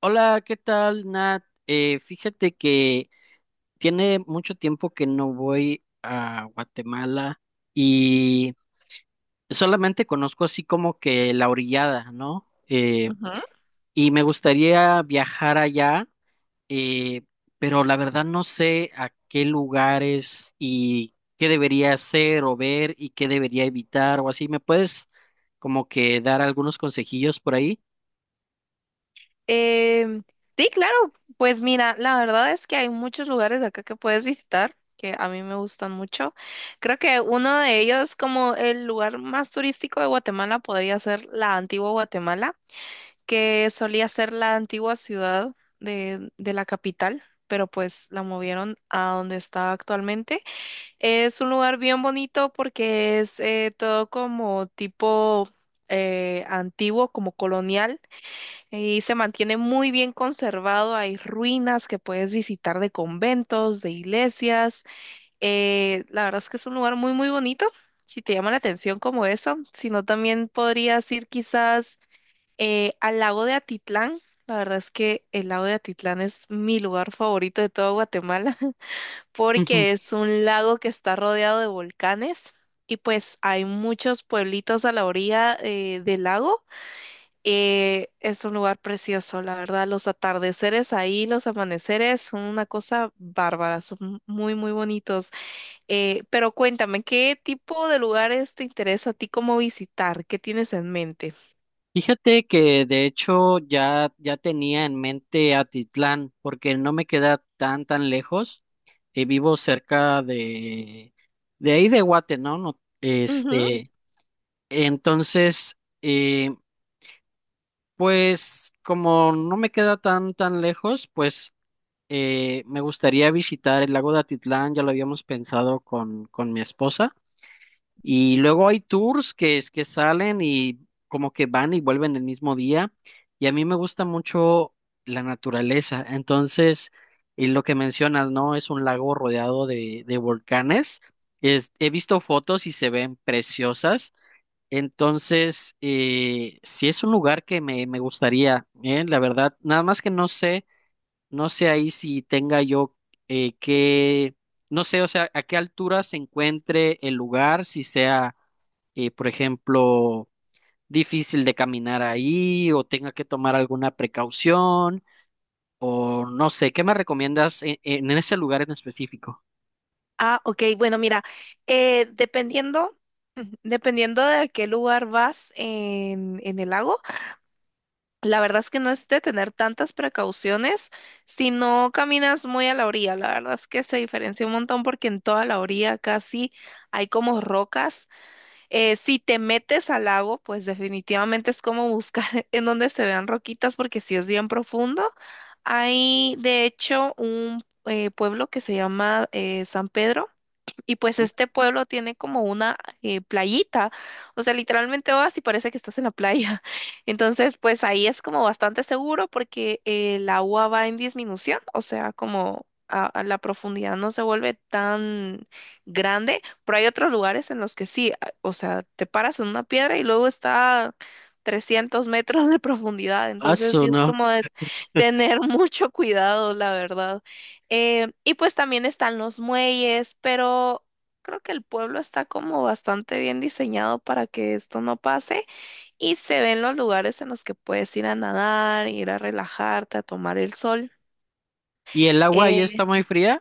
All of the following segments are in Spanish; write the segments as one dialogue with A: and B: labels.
A: Hola, ¿qué tal, Nat? Fíjate que tiene mucho tiempo que no voy a Guatemala y solamente conozco así como que la orillada, ¿no?
B: Ujú.
A: Y me gustaría viajar allá, eh, pero la verdad no sé a qué lugares y qué debería hacer o ver y qué debería evitar o así. ¿Me puedes como que dar algunos consejillos por ahí?
B: Em, sí, claro, pues mira, la verdad es que hay muchos lugares acá que puedes visitar que a mí me gustan mucho. Creo que uno de ellos, como el lugar más turístico de Guatemala, podría ser la antigua Guatemala, que solía ser la antigua ciudad de la capital, pero pues la movieron a donde está actualmente. Es un lugar bien bonito porque es todo como tipo antiguo, como colonial. Y se mantiene muy bien conservado, hay ruinas que puedes visitar de conventos, de iglesias. La verdad es que es un lugar muy bonito, si te llama la atención como eso. Si no, también podrías ir quizás al lago de Atitlán. La verdad es que el lago de Atitlán es mi lugar favorito de todo Guatemala, porque es un lago que está rodeado de volcanes y pues hay muchos pueblitos a la orilla del lago. Es un lugar precioso, la verdad. Los atardeceres ahí, los amaneceres son una cosa bárbara, son muy bonitos. Pero cuéntame, ¿qué tipo de lugares te interesa a ti como visitar? ¿Qué tienes en mente?
A: Fíjate que de hecho ya tenía en mente Atitlán, porque no me queda tan tan lejos. Vivo cerca de ahí de Guate, ¿no? No,
B: Ujú.
A: este, entonces, eh, pues como no me queda tan tan lejos, pues me gustaría visitar el lago de Atitlán, ya lo habíamos pensado con mi esposa. Y luego hay tours que es que salen y como que van y vuelven el mismo día. Y a mí me gusta mucho la naturaleza. Entonces, y lo que mencionas, ¿no? Es un lago rodeado de volcanes. Es, he visto fotos y se ven preciosas. Entonces, sí es un lugar que me gustaría, ¿eh? La verdad, nada más que no sé, no sé ahí si tenga yo eh, que, no sé, o sea, a qué altura se encuentre el lugar, si sea por ejemplo, difícil de caminar ahí o tenga que tomar alguna precaución o no sé, ¿qué me recomiendas en ese lugar en específico?
B: Ah, ok, bueno, mira, eh, dependiendo, dependiendo de a qué lugar vas en el lago. La verdad es que no es de tener tantas precauciones si no caminas muy a la orilla. La verdad es que se diferencia un montón porque en toda la orilla casi hay como rocas. Si te metes al lago, pues definitivamente es como buscar en donde se vean roquitas porque si es bien profundo. Hay de hecho un pueblo que se llama San Pedro y pues
A: ¿Mm?
B: este pueblo tiene como una playita, o sea, literalmente vas y parece que estás en la playa. Entonces, pues ahí es como bastante seguro porque el agua va en disminución, o sea, a la profundidad no se vuelve tan grande, pero hay otros lugares en los que sí, o sea, te paras en una piedra y luego está 300 metros de profundidad,
A: Ah,
B: entonces
A: eso
B: sí es
A: no.
B: como de tener mucho cuidado, la verdad. Y pues también están los muelles, pero creo que el pueblo está como bastante bien diseñado para que esto no pase y se ven los lugares en los que puedes ir a nadar, ir a relajarte, a tomar el sol.
A: ¿Y el agua ahí
B: Eh,
A: está muy fría?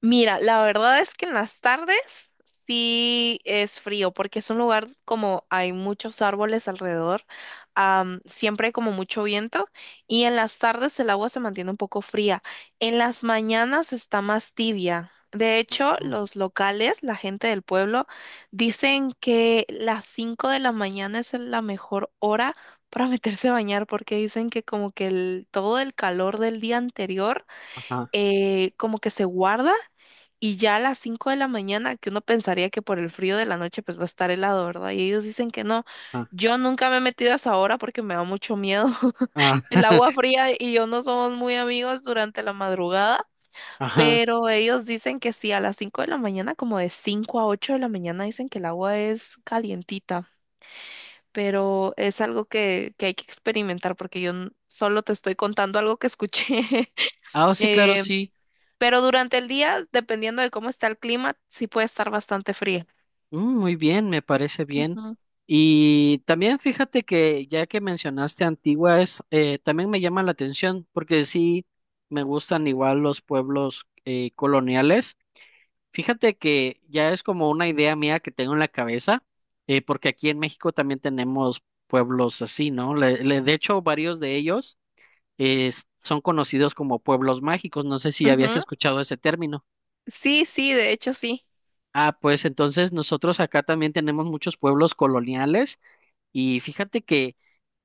B: Mira, la verdad es que en las tardes sí es frío, porque es un lugar como hay muchos árboles alrededor, siempre hay como mucho viento, y en las tardes el agua se mantiene un poco fría. En las mañanas está más tibia. De hecho,
A: Mm.
B: los locales, la gente del pueblo, dicen que las 5 de la mañana es la mejor hora para meterse a bañar, porque dicen que todo el calor del día anterior
A: Ajá,
B: como que se guarda y ya a las 5 de la mañana, que uno pensaría que por el frío de la noche pues va a estar helado, ¿verdad? Y ellos dicen que no.
A: ajá,
B: Yo nunca me he metido a esa hora porque me da mucho miedo.
A: ah,
B: El agua fría y yo no somos muy amigos durante la madrugada,
A: ajá.
B: pero ellos dicen que sí, a las 5 de la mañana, como de 5 a 8 de la mañana, dicen que el agua es calientita, pero es algo que hay que experimentar porque solo te estoy contando algo que escuché.
A: Ah, oh, sí, claro,
B: Eh,
A: sí.
B: pero durante el día, dependiendo de cómo está el clima, sí puede estar bastante fría.
A: Mm, muy bien, me parece bien.
B: Ujú.
A: Y también fíjate que ya que mencionaste Antigua, es, también me llama la atención porque sí me gustan igual los pueblos coloniales. Fíjate que ya es como una idea mía que tengo en la cabeza, porque aquí en México también tenemos pueblos así, ¿no? De hecho, varios de ellos eh, son conocidos como pueblos mágicos. No sé si habías
B: Ujú.
A: escuchado ese término.
B: Sí, sí, de hecho sí.
A: Ah, pues entonces nosotros acá también tenemos muchos pueblos coloniales y fíjate que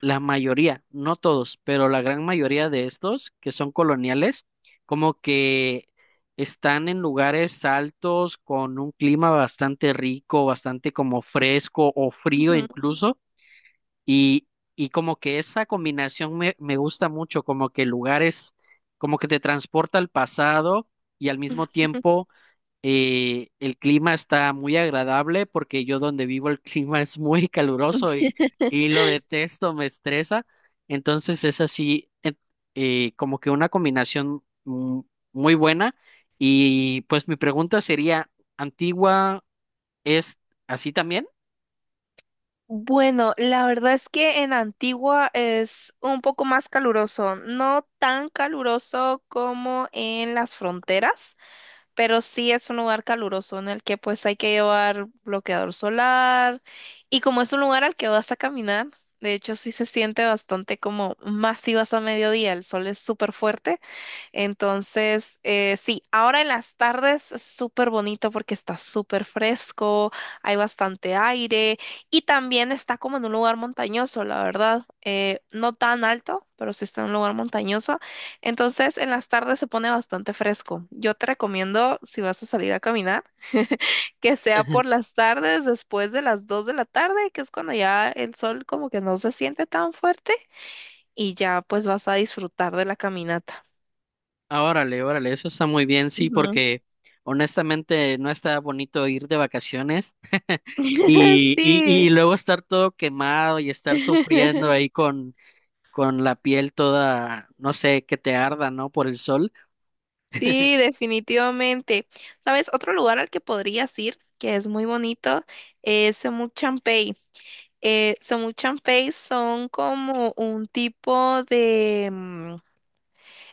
A: la mayoría, no todos, pero la gran mayoría de estos que son coloniales, como que están en lugares altos con un clima bastante rico, bastante como fresco o frío
B: Ujú.
A: incluso, y, y como que esa combinación me gusta mucho, como que lugares, como que te transporta al pasado y al mismo tiempo el clima está muy agradable porque yo donde vivo el clima es muy caluroso y lo detesto, me estresa. Entonces es así, como que una combinación muy buena. Y pues mi pregunta sería, ¿Antigua es así también?
B: Bueno, la verdad es que en Antigua es un poco más caluroso, no tan caluroso como en las fronteras, pero sí es un lugar caluroso en el que pues hay que llevar bloqueador solar y como es un lugar al que vas a caminar, de hecho sí se siente bastante como más si vas a mediodía, el sol es súper fuerte. Entonces, sí, ahora en las tardes es súper bonito porque está súper fresco, hay bastante aire y también está como en un lugar montañoso, la verdad. No tan alto, pero sí está en un lugar montañoso. Entonces, en las tardes se pone bastante fresco. Yo te recomiendo, si vas a salir a caminar, que sea por las tardes, después de las 2 de la tarde, que es cuando ya el sol como que no se siente tan fuerte y ya pues vas a disfrutar de la caminata.
A: Ah, órale, órale, eso está muy bien, sí, porque honestamente no está bonito ir de vacaciones y
B: Sí,
A: luego estar todo quemado y estar sufriendo ahí con la piel toda, no sé, que te arda, ¿no? Por el sol.
B: sí, definitivamente. ¿Sabes? Otro lugar al que podrías ir, que es muy bonito, es Semuchampey. Semuchampey son como un tipo de...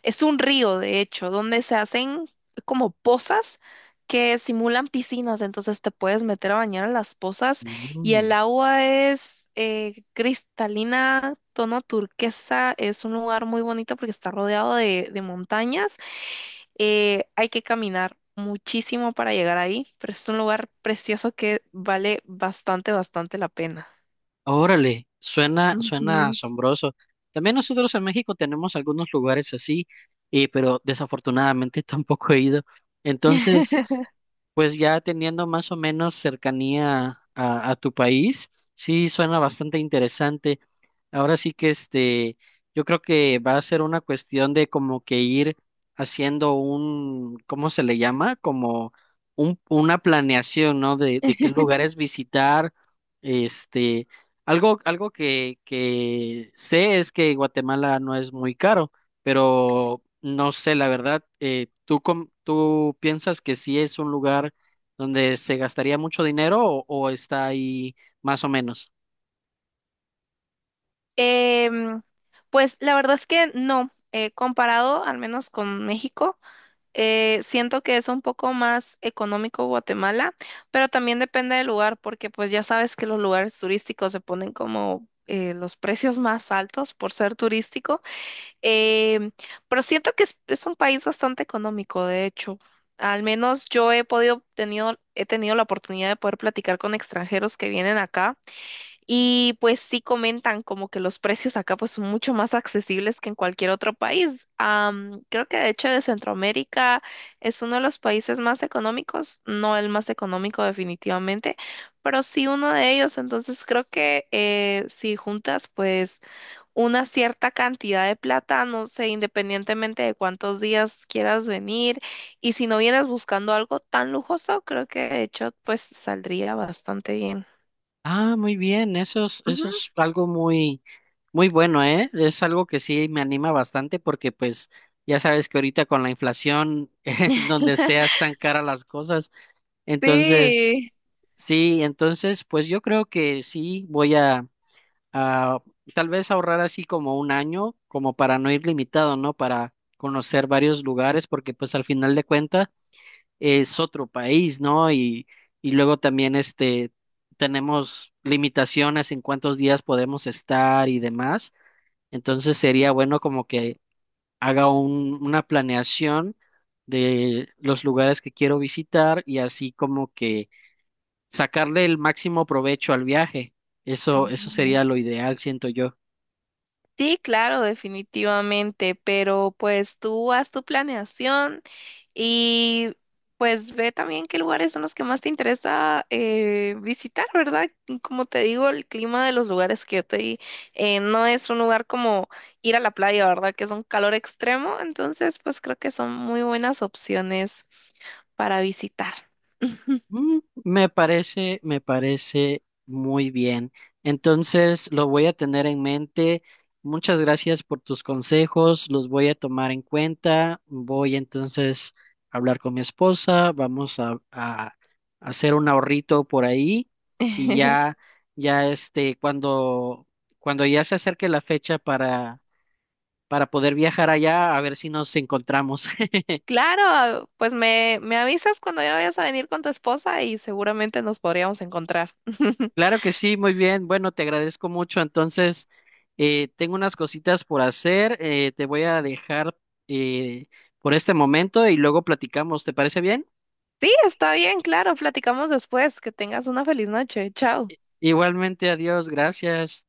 B: Es un río, de hecho, donde se hacen como pozas que simulan piscinas, entonces te puedes meter a bañar a las pozas y el
A: Mm.
B: agua es cristalina, tono turquesa, es un lugar muy bonito porque está rodeado de montañas. Hay que caminar muchísimo para llegar ahí, pero es un lugar precioso que vale bastante, bastante la pena.
A: Órale, suena, suena
B: Ujú.
A: asombroso. También nosotros en México tenemos algunos lugares así, pero desafortunadamente tampoco he ido. Entonces, pues ya teniendo más o menos cercanía a tu país, sí suena bastante interesante. Ahora sí que este, yo creo que va a ser una cuestión de como que ir haciendo un, ¿cómo se le llama? Como un, una planeación, ¿no? De qué lugares visitar. Este, algo, algo que sé es que Guatemala no es muy caro pero no sé, la verdad, ¿tú, tú piensas que sí es un lugar donde se gastaría mucho dinero o está ahí más o menos?
B: Em, pues la verdad es que no, comparado al menos con México, siento que es un poco más económico Guatemala, pero también depende del lugar, porque pues ya sabes que los lugares turísticos se ponen como los precios más altos por ser turístico, em, pero siento que es un país bastante económico, de hecho. Al menos yo he he tenido la oportunidad de poder platicar con extranjeros que vienen acá. Y pues sí comentan como que los precios acá pues son mucho más accesibles que en cualquier otro país. Creo que de hecho de Centroamérica es uno de los países más económicos, no el más económico definitivamente, pero sí uno de ellos. Entonces creo que si juntas pues una cierta cantidad de plata, no sé, independientemente de cuántos días quieras venir, y si no vienes buscando algo tan lujoso, creo que de hecho pues saldría bastante bien.
A: Ah, muy bien,
B: Ujú.
A: eso es algo muy, muy bueno, ¿eh? Es algo que sí me anima bastante porque pues ya sabes que ahorita con la inflación, donde seas tan cara las cosas, entonces,
B: Sí.
A: sí, entonces, pues yo creo que sí voy a... ah, tal vez ahorrar así como un año, como para no ir limitado, ¿no? Para conocer varios lugares, porque pues al final de cuentas es otro país, ¿no? Y luego también este, tenemos limitaciones en cuántos días podemos estar y demás. Entonces sería bueno como que haga una planeación de los lugares que quiero visitar y así como que sacarle el máximo provecho al viaje. Eso
B: Ujú.
A: sería lo ideal, siento yo.
B: Sí, claro, definitivamente, pero pues tú haz tu planeación y pues ve también qué lugares son los que más te interesa visitar, ¿verdad? Y como te digo, el clima de los lugares que yo te di no es un lugar como ir a la playa, ¿verdad? Que es un calor extremo, entonces pues creo que son muy buenas opciones para visitar.
A: Mm, me parece, me parece muy bien. Entonces, lo voy a tener en mente. Muchas gracias por tus consejos, los voy a tomar en cuenta. Voy entonces a hablar con mi esposa, vamos a hacer un ahorrito por ahí y ya, ya este, cuando, cuando ya se acerque la fecha para poder viajar allá, a ver si nos encontramos.
B: Claro, pues me avisas cuando ya vayas a venir con tu esposa y seguramente nos podríamos encontrar.
A: Claro que sí, muy bien. Bueno, te agradezco mucho. Entonces, tengo unas cositas por hacer. Te voy a dejar eh, por este momento y luego platicamos. ¿Te parece bien?
B: Sí, está bien, claro, platicamos después. Que tengas una feliz noche. Chao.
A: Igualmente, adiós, gracias.